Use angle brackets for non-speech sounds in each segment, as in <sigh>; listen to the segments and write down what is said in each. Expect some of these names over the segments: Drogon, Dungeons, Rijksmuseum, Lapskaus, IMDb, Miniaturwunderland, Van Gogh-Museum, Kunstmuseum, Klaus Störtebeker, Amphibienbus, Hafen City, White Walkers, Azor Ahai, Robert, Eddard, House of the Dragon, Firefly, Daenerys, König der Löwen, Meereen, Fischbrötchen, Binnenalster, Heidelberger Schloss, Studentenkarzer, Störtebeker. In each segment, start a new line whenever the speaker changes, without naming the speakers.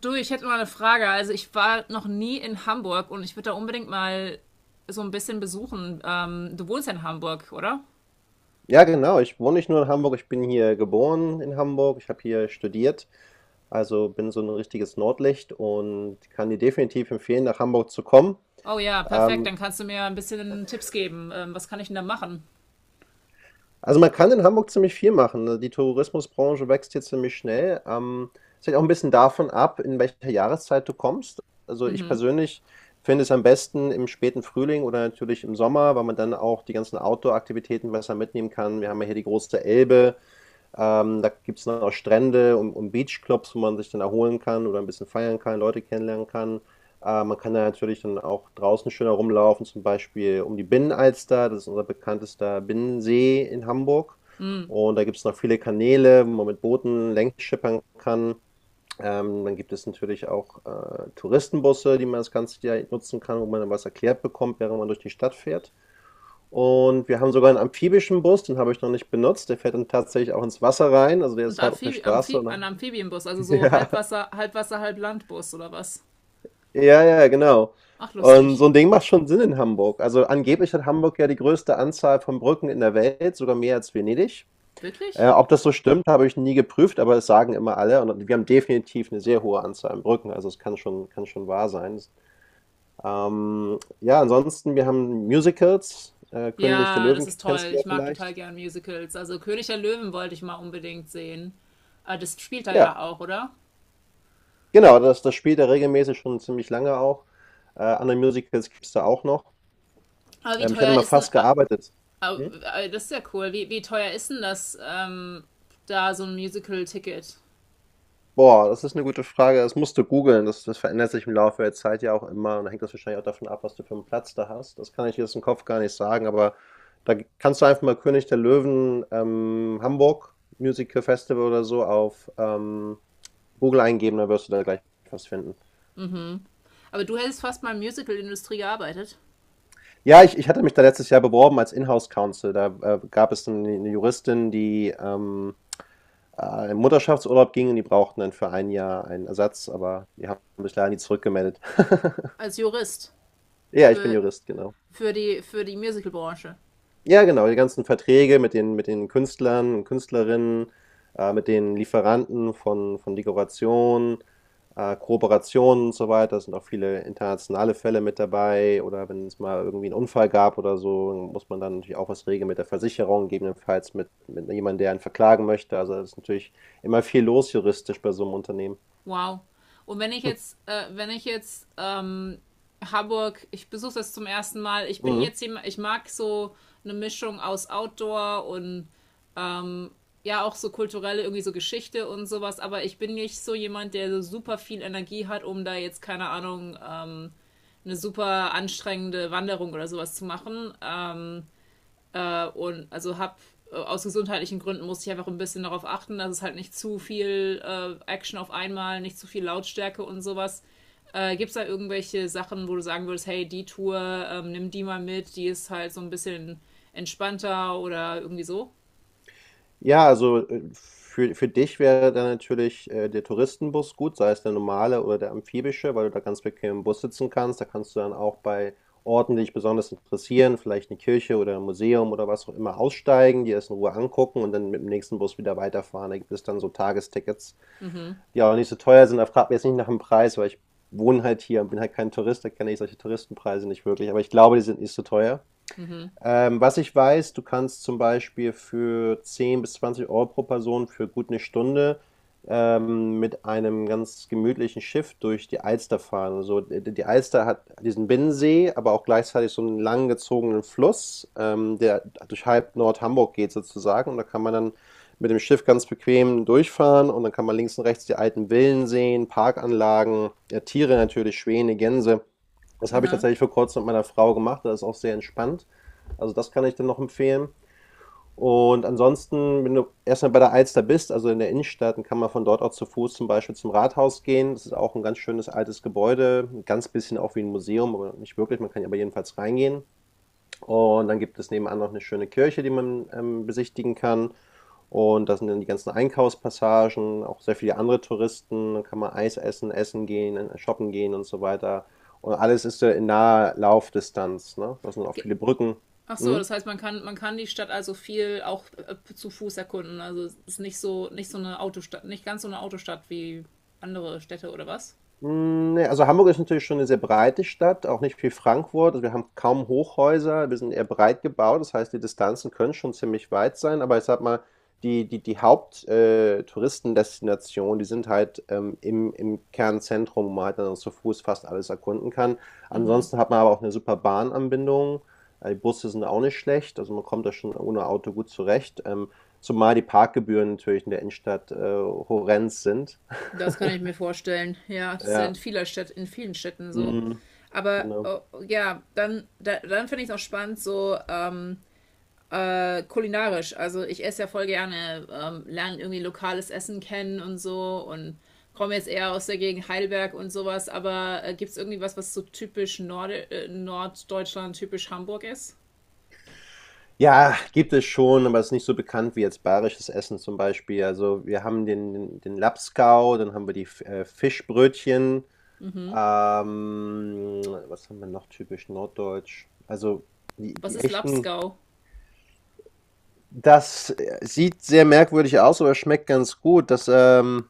Du, ich hätte mal eine Frage. Also ich war noch nie in Hamburg und ich würde da unbedingt mal so ein bisschen besuchen. Du wohnst ja in Hamburg, oder?
Ja, genau. Ich wohne nicht nur in Hamburg, ich bin hier geboren in Hamburg. Ich habe hier studiert, also bin so ein richtiges Nordlicht und kann dir definitiv empfehlen, nach Hamburg zu kommen.
Oh ja, perfekt.
Ähm,
Dann kannst du mir ein bisschen Tipps geben. Was kann ich denn da machen?
also man kann in Hamburg ziemlich viel machen, ne? Die Tourismusbranche wächst hier ziemlich schnell. Es hängt auch ein bisschen davon ab, in welcher Jahreszeit du kommst. Also ich persönlich finde es am besten im späten Frühling oder natürlich im Sommer, weil man dann auch die ganzen Outdoor-Aktivitäten besser mitnehmen kann. Wir haben ja hier die große Elbe. Da gibt es dann auch Strände und Beachclubs, wo man sich dann erholen kann oder ein bisschen feiern kann, Leute kennenlernen kann. Man kann da natürlich dann auch draußen schön herumlaufen, zum Beispiel um die Binnenalster, das ist unser bekanntester Binnensee in Hamburg. Und da gibt es noch viele Kanäle, wo man mit Booten längs schippern kann. Dann gibt es natürlich auch Touristenbusse, die man das ganze Jahr nutzen kann, wo man dann was erklärt bekommt, während man durch die Stadt fährt. Und wir haben sogar einen amphibischen Bus, den habe ich noch nicht benutzt. Der fährt dann tatsächlich auch ins Wasser rein, also der
Ein
ist halb auf der
Amphibi
Straße
Amphi
und
ein
dann
Amphibienbus, also
<laughs>
so
ja,
Halbwasser, Halbwasser, Halblandbus oder was?
ja, ja, genau.
Ach,
Und
lustig.
so ein Ding macht schon Sinn in Hamburg. Also, angeblich hat Hamburg ja die größte Anzahl von Brücken in der Welt, sogar mehr als Venedig. Äh,
Wirklich?
ob das so stimmt, habe ich nie geprüft, aber es sagen immer alle und wir haben definitiv eine sehr hohe Anzahl an Brücken, also es kann schon wahr sein. Ja, ansonsten, wir haben Musicals. König der
Ja, das
Löwen
ist
kennst
toll.
du ja
Ich mag total
vielleicht.
gern Musicals. Also König der Löwen wollte ich mal unbedingt sehen. Ah, das spielt er
Ja,
ja auch, oder?
genau, das spielt er regelmäßig schon ziemlich lange auch. Andere Musicals gibt es da auch noch.
Aber wie
Ich hatte
teuer
mal
ist ein
fast gearbeitet. Hm?
Das ist ja cool. Wie teuer ist denn das, da so ein Musical-Ticket?
Boah, das ist eine gute Frage. Das musst du googeln. Das verändert sich im Laufe der Zeit ja auch immer. Und da hängt das wahrscheinlich auch davon ab, was du für einen Platz da hast. Das kann ich jetzt im Kopf gar nicht sagen, aber da kannst du einfach mal König der Löwen Hamburg Musical Festival oder so auf Google eingeben, dann wirst du da gleich was finden.
Aber du hättest fast mal in der Musical-Industrie gearbeitet.
Ja, ich hatte mich da letztes Jahr beworben als Inhouse Counsel. Da gab es eine 'ne Juristin, die in Mutterschaftsurlaub ging und die brauchten dann für ein Jahr einen Ersatz, aber die haben sich leider nie zurückgemeldet. <laughs>
Als Jurist.
Ja, ich bin
Für,
Jurist, genau.
für die Musical-Branche.
Ja, genau, die ganzen Verträge mit den Künstlern und Künstlerinnen, mit den Lieferanten von Dekorationen, Kooperationen und so weiter. Es sind auch viele internationale Fälle mit dabei. Oder wenn es mal irgendwie einen Unfall gab oder so, muss man dann natürlich auch was regeln mit der Versicherung, gegebenenfalls mit jemandem, der einen verklagen möchte. Also es ist natürlich immer viel los juristisch bei so einem Unternehmen.
Wow. Und
<laughs>
wenn ich jetzt, Hamburg, ich besuche das zum ersten Mal. Ich bin
Mhm.
jetzt jemand, ich mag so eine Mischung aus Outdoor und ja auch so kulturelle, irgendwie so Geschichte und sowas, aber ich bin nicht so jemand, der so super viel Energie hat, um da jetzt, keine Ahnung, eine super anstrengende Wanderung oder sowas zu machen. Und also habe aus gesundheitlichen Gründen musste ich einfach ein bisschen darauf achten, dass es halt nicht zu viel Action auf einmal, nicht zu viel Lautstärke und sowas. Gibt es da irgendwelche Sachen, wo du sagen würdest, hey, die Tour, nimm die mal mit, die ist halt so ein bisschen entspannter oder irgendwie so?
Ja, also für dich wäre dann natürlich der Touristenbus gut, sei es der normale oder der amphibische, weil du da ganz bequem im Bus sitzen kannst. Da kannst du dann auch bei Orten, die dich besonders interessieren, vielleicht eine Kirche oder ein Museum oder was auch immer, aussteigen, dir das in Ruhe angucken und dann mit dem nächsten Bus wieder weiterfahren. Da gibt es dann so Tagestickets, die auch nicht so teuer sind. Da fragt mich jetzt nicht nach dem Preis, weil ich wohne halt hier und bin halt kein Tourist, da kenne ich solche Touristenpreise nicht wirklich. Aber ich glaube, die sind nicht so teuer. Was ich weiß, du kannst zum Beispiel für 10 bis 20 Euro pro Person für gut 'ne Stunde mit einem ganz gemütlichen Schiff durch die Alster fahren. Also, d die Alster hat diesen Binnensee, aber auch gleichzeitig so einen langgezogenen Fluss, der durch halb Nord-Hamburg geht sozusagen. Und da kann man dann mit dem Schiff ganz bequem durchfahren und dann kann man links und rechts die alten Villen sehen, Parkanlagen, ja, Tiere natürlich, Schwäne, Gänse. Das habe ich
Ja.
tatsächlich vor Kurzem mit meiner Frau gemacht, das ist auch sehr entspannt. Also das kann ich dann noch empfehlen. Und ansonsten, wenn du erstmal bei der Alster bist, also in der Innenstadt, dann kann man von dort auch zu Fuß zum Beispiel zum Rathaus gehen. Das ist auch ein ganz schönes altes Gebäude, ein ganz bisschen auch wie ein Museum, aber nicht wirklich. Man kann ja aber jedenfalls reingehen. Und dann gibt es nebenan noch eine schöne Kirche, die man besichtigen kann. Und da sind dann die ganzen Einkaufspassagen, auch sehr viele andere Touristen. Dann kann man Eis essen, essen gehen, shoppen gehen und so weiter. Und alles ist so in naher Laufdistanz, ne? Da sind auch viele Brücken.
Ach so,
Hm?
das heißt, man kann die Stadt also viel auch zu Fuß erkunden. Also es ist nicht so, nicht so eine Autostadt, nicht ganz so eine Autostadt wie andere Städte oder was?
Hm, ne, also Hamburg ist natürlich schon eine sehr breite Stadt, auch nicht wie Frankfurt. Also, wir haben kaum Hochhäuser, wir sind eher breit gebaut. Das heißt, die Distanzen können schon ziemlich weit sein, aber ich sage mal, die Haupt Touristendestinationen, die sind halt im Kernzentrum, wo man halt dann zu Fuß fast alles erkunden kann. Ansonsten hat man aber auch eine super Bahnanbindung. Die Busse sind auch nicht schlecht, also man kommt da schon ohne Auto gut zurecht, zumal die Parkgebühren natürlich in der Innenstadt horrend sind.
Das kann ich
<laughs>
mir vorstellen. Ja, das ist ja in
Ja,
vieler Stadt, in vielen Städten so.
mhm.
Aber
Genau.
oh, ja, dann, da, dann finde ich es auch spannend, so kulinarisch. Also ich esse ja voll gerne, lerne irgendwie lokales Essen kennen und so und komme jetzt eher aus der Gegend Heidelberg und sowas. Aber gibt es irgendwie was, was so typisch Norde Norddeutschland, typisch Hamburg ist?
Ja, gibt es schon, aber es ist nicht so bekannt wie jetzt bayerisches Essen zum Beispiel. Also wir haben den Lapskaus, dann haben wir die Fischbrötchen. Ähm, was haben wir noch typisch norddeutsch? Also die,
Was
die
ist
echten.
Lapskau?
Das sieht sehr merkwürdig aus, aber schmeckt ganz gut. Das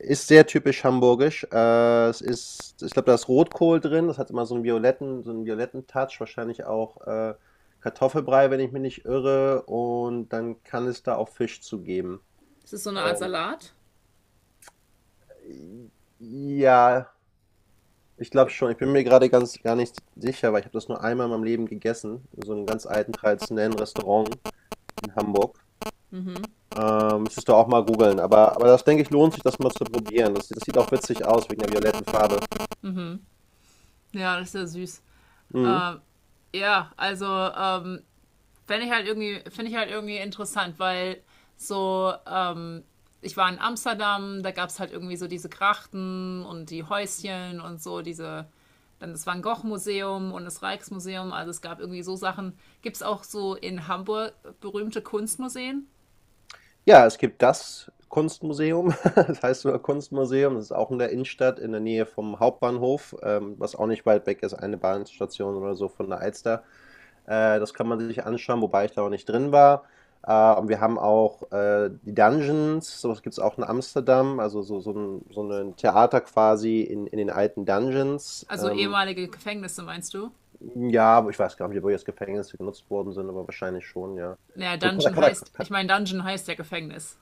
ist sehr typisch hamburgisch. Es ist, ich glaube, da ist Rotkohl drin. Das hat immer so einen violetten Touch. Wahrscheinlich auch Kartoffelbrei, wenn ich mich nicht irre. Und dann kann es da auch Fisch zu geben.
Ist das so eine Art
Ähm,
Salat?
ja, ich glaube schon. Ich bin mir gerade ganz gar nicht sicher, weil ich habe das nur einmal in meinem Leben gegessen, in so einem ganz alten traditionellen Restaurant in Hamburg. Müsstest du auch mal googeln. Aber das denke ich, lohnt sich, das mal zu probieren. Das sieht auch witzig aus wegen der violetten Farbe.
Ja, das ist ja süß.
Mhm.
Ja, also Fände ich halt irgendwie, finde ich halt irgendwie interessant, weil so, ich war in Amsterdam, da gab es halt irgendwie so diese Krachten und die Häuschen und so, diese, dann das Van Gogh-Museum und das Rijksmuseum, also es gab irgendwie so Sachen. Gibt es auch so in Hamburg berühmte Kunstmuseen?
Ja, es gibt das Kunstmuseum. <laughs> Das heißt sogar Kunstmuseum. Das ist auch in der Innenstadt, in der Nähe vom Hauptbahnhof, was auch nicht weit weg ist, eine Bahnstation oder so von der Alster. Das kann man sich anschauen, wobei ich da auch nicht drin war. Und wir haben auch die Dungeons, sowas gibt es auch in Amsterdam, also so ein Theater quasi in den alten Dungeons.
Also ehemalige Gefängnisse, meinst du?
Hm, ja, aber ich weiß gar nicht, wo jetzt Gefängnisse genutzt worden sind, aber wahrscheinlich schon, ja.
Naja,
So
Dungeon
Katakata.
heißt, ich meine, Dungeon heißt ja Gefängnis.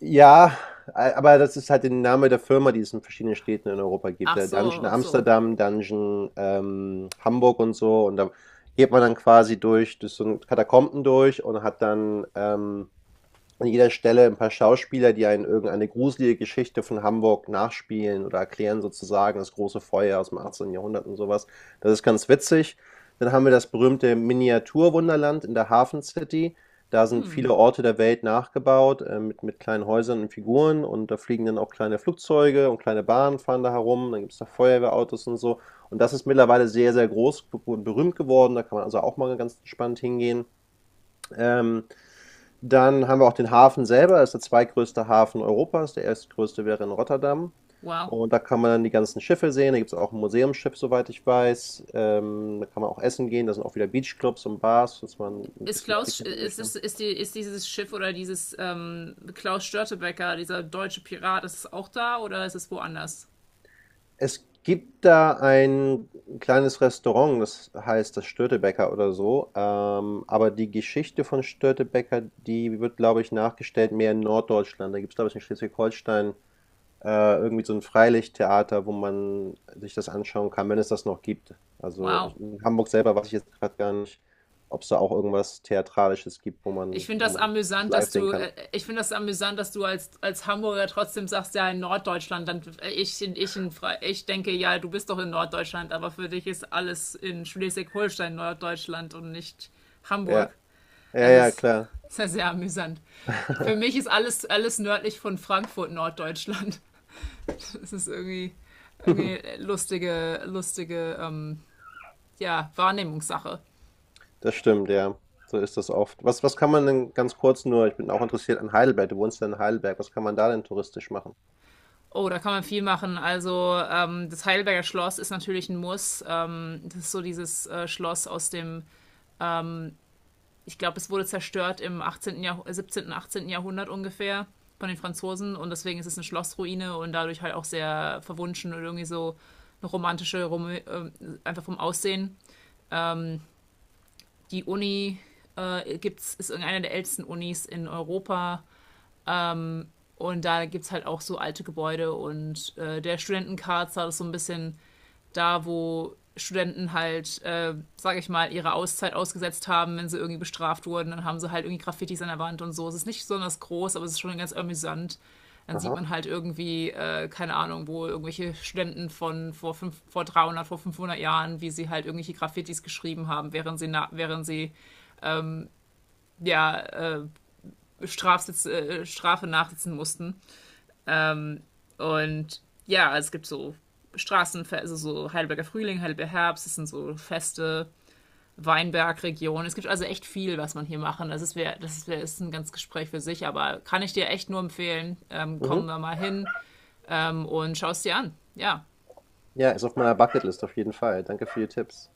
Ja, aber das ist halt der Name der Firma, die es in verschiedenen Städten in Europa gibt.
Ach
Der
so,
Dungeon
ach so.
Amsterdam, Dungeon Hamburg und so. Und da geht man dann quasi durch, durch so ein Katakomben durch und hat dann an jeder Stelle ein paar Schauspieler, die einen irgendeine gruselige Geschichte von Hamburg nachspielen oder erklären sozusagen das große Feuer aus dem 18. Jahrhundert und sowas. Das ist ganz witzig. Dann haben wir das berühmte Miniaturwunderland in der Hafen City. Da sind viele Orte der Welt nachgebaut, mit kleinen Häusern und Figuren. Und da fliegen dann auch kleine Flugzeuge und kleine Bahnen fahren da herum. Dann gibt es da Feuerwehrautos und so. Und das ist mittlerweile sehr, sehr groß und berühmt geworden. Da kann man also auch mal ganz entspannt hingehen. Ähm, dann haben wir auch den Hafen selber, das ist der zweitgrößte Hafen Europas. Der erstgrößte wäre in Rotterdam.
Wow.
Und da kann man dann die ganzen Schiffe sehen. Da gibt es auch ein Museumsschiff, soweit ich weiß. Da kann man auch essen gehen. Da sind auch wieder Beachclubs und Bars, dass man ein
Ist
bisschen Leute
Klaus,
kennenlernen
ist,
möchte.
ist, ist, die, ist dieses Schiff oder dieses Klaus Störtebeker dieser deutsche Pirat, ist es auch da oder ist es woanders?
Es gibt da ein kleines Restaurant, das heißt das Störtebeker oder so. Aber die Geschichte von Störtebeker, die wird, glaube ich, nachgestellt mehr in Norddeutschland. Da gibt es, glaube ich, in Schleswig-Holstein irgendwie so ein Freilichttheater, wo man sich das anschauen kann, wenn es das noch gibt. Also,
Wow.
ich in Hamburg selber weiß ich jetzt gerade gar nicht, ob es da auch irgendwas Theatralisches gibt, wo
Ich
man
finde
wo
das
man das
amüsant, dass
live sehen
du,
kann.
ich finde das amüsant, dass du als Hamburger trotzdem sagst, ja, in Norddeutschland, dann ich denke, ja, du bist doch in Norddeutschland, aber für dich ist alles in Schleswig-Holstein Norddeutschland und nicht Hamburg.
Ja, ja,
Das
ja,
ist
klar.
sehr, sehr amüsant. Für mich
<laughs>
ist alles nördlich von Frankfurt Norddeutschland. Es ist irgendwie, irgendwie lustige, lustige ja, Wahrnehmungssache.
Das stimmt, ja. So ist das oft. Was kann man denn ganz kurz, nur ich bin auch interessiert an Heidelberg. Du wohnst ja in Heidelberg. Was kann man da denn touristisch machen?
Oh, da kann man viel machen. Also das Heidelberger Schloss ist natürlich ein Muss. Das ist so dieses Schloss aus dem, ich glaube, es wurde zerstört im 18. Jahrh 17., 18. Jahrhundert ungefähr von den Franzosen und deswegen ist es eine Schlossruine und dadurch halt auch sehr verwunschen und irgendwie so eine romantische, rom einfach vom Aussehen. Die Uni gibt's, ist irgendeine der ältesten Unis in Europa. Und da gibt es halt auch so alte Gebäude und der Studentenkarzer ist so ein bisschen da, wo Studenten halt, sage ich mal, ihre Auszeit ausgesetzt haben, wenn sie irgendwie bestraft wurden. Dann haben sie halt irgendwie Graffitis an der Wand und so. Es ist nicht besonders groß, aber es ist schon ganz amüsant. Dann sieht
Aha,
man halt irgendwie, keine Ahnung, wo irgendwelche Studenten von vor, fünf, vor 300, vor 500 Jahren, wie sie halt irgendwelche Graffitis geschrieben haben, während sie, na, während sie ja, Strafe nachsitzen mussten. Und ja, es gibt so Straßenfeste, also so Heidelberger Frühling, Heidelberger Herbst, es sind so Feste, Weinbergregion. Es gibt also echt viel, was man hier machen. Das ist ein ganz Gespräch für sich, aber kann ich dir echt nur empfehlen. Komm
mhm.
da mal hin und schau es dir an. Ja,
Ja, ist auf meiner Bucketlist auf jeden Fall. Danke für die Tipps.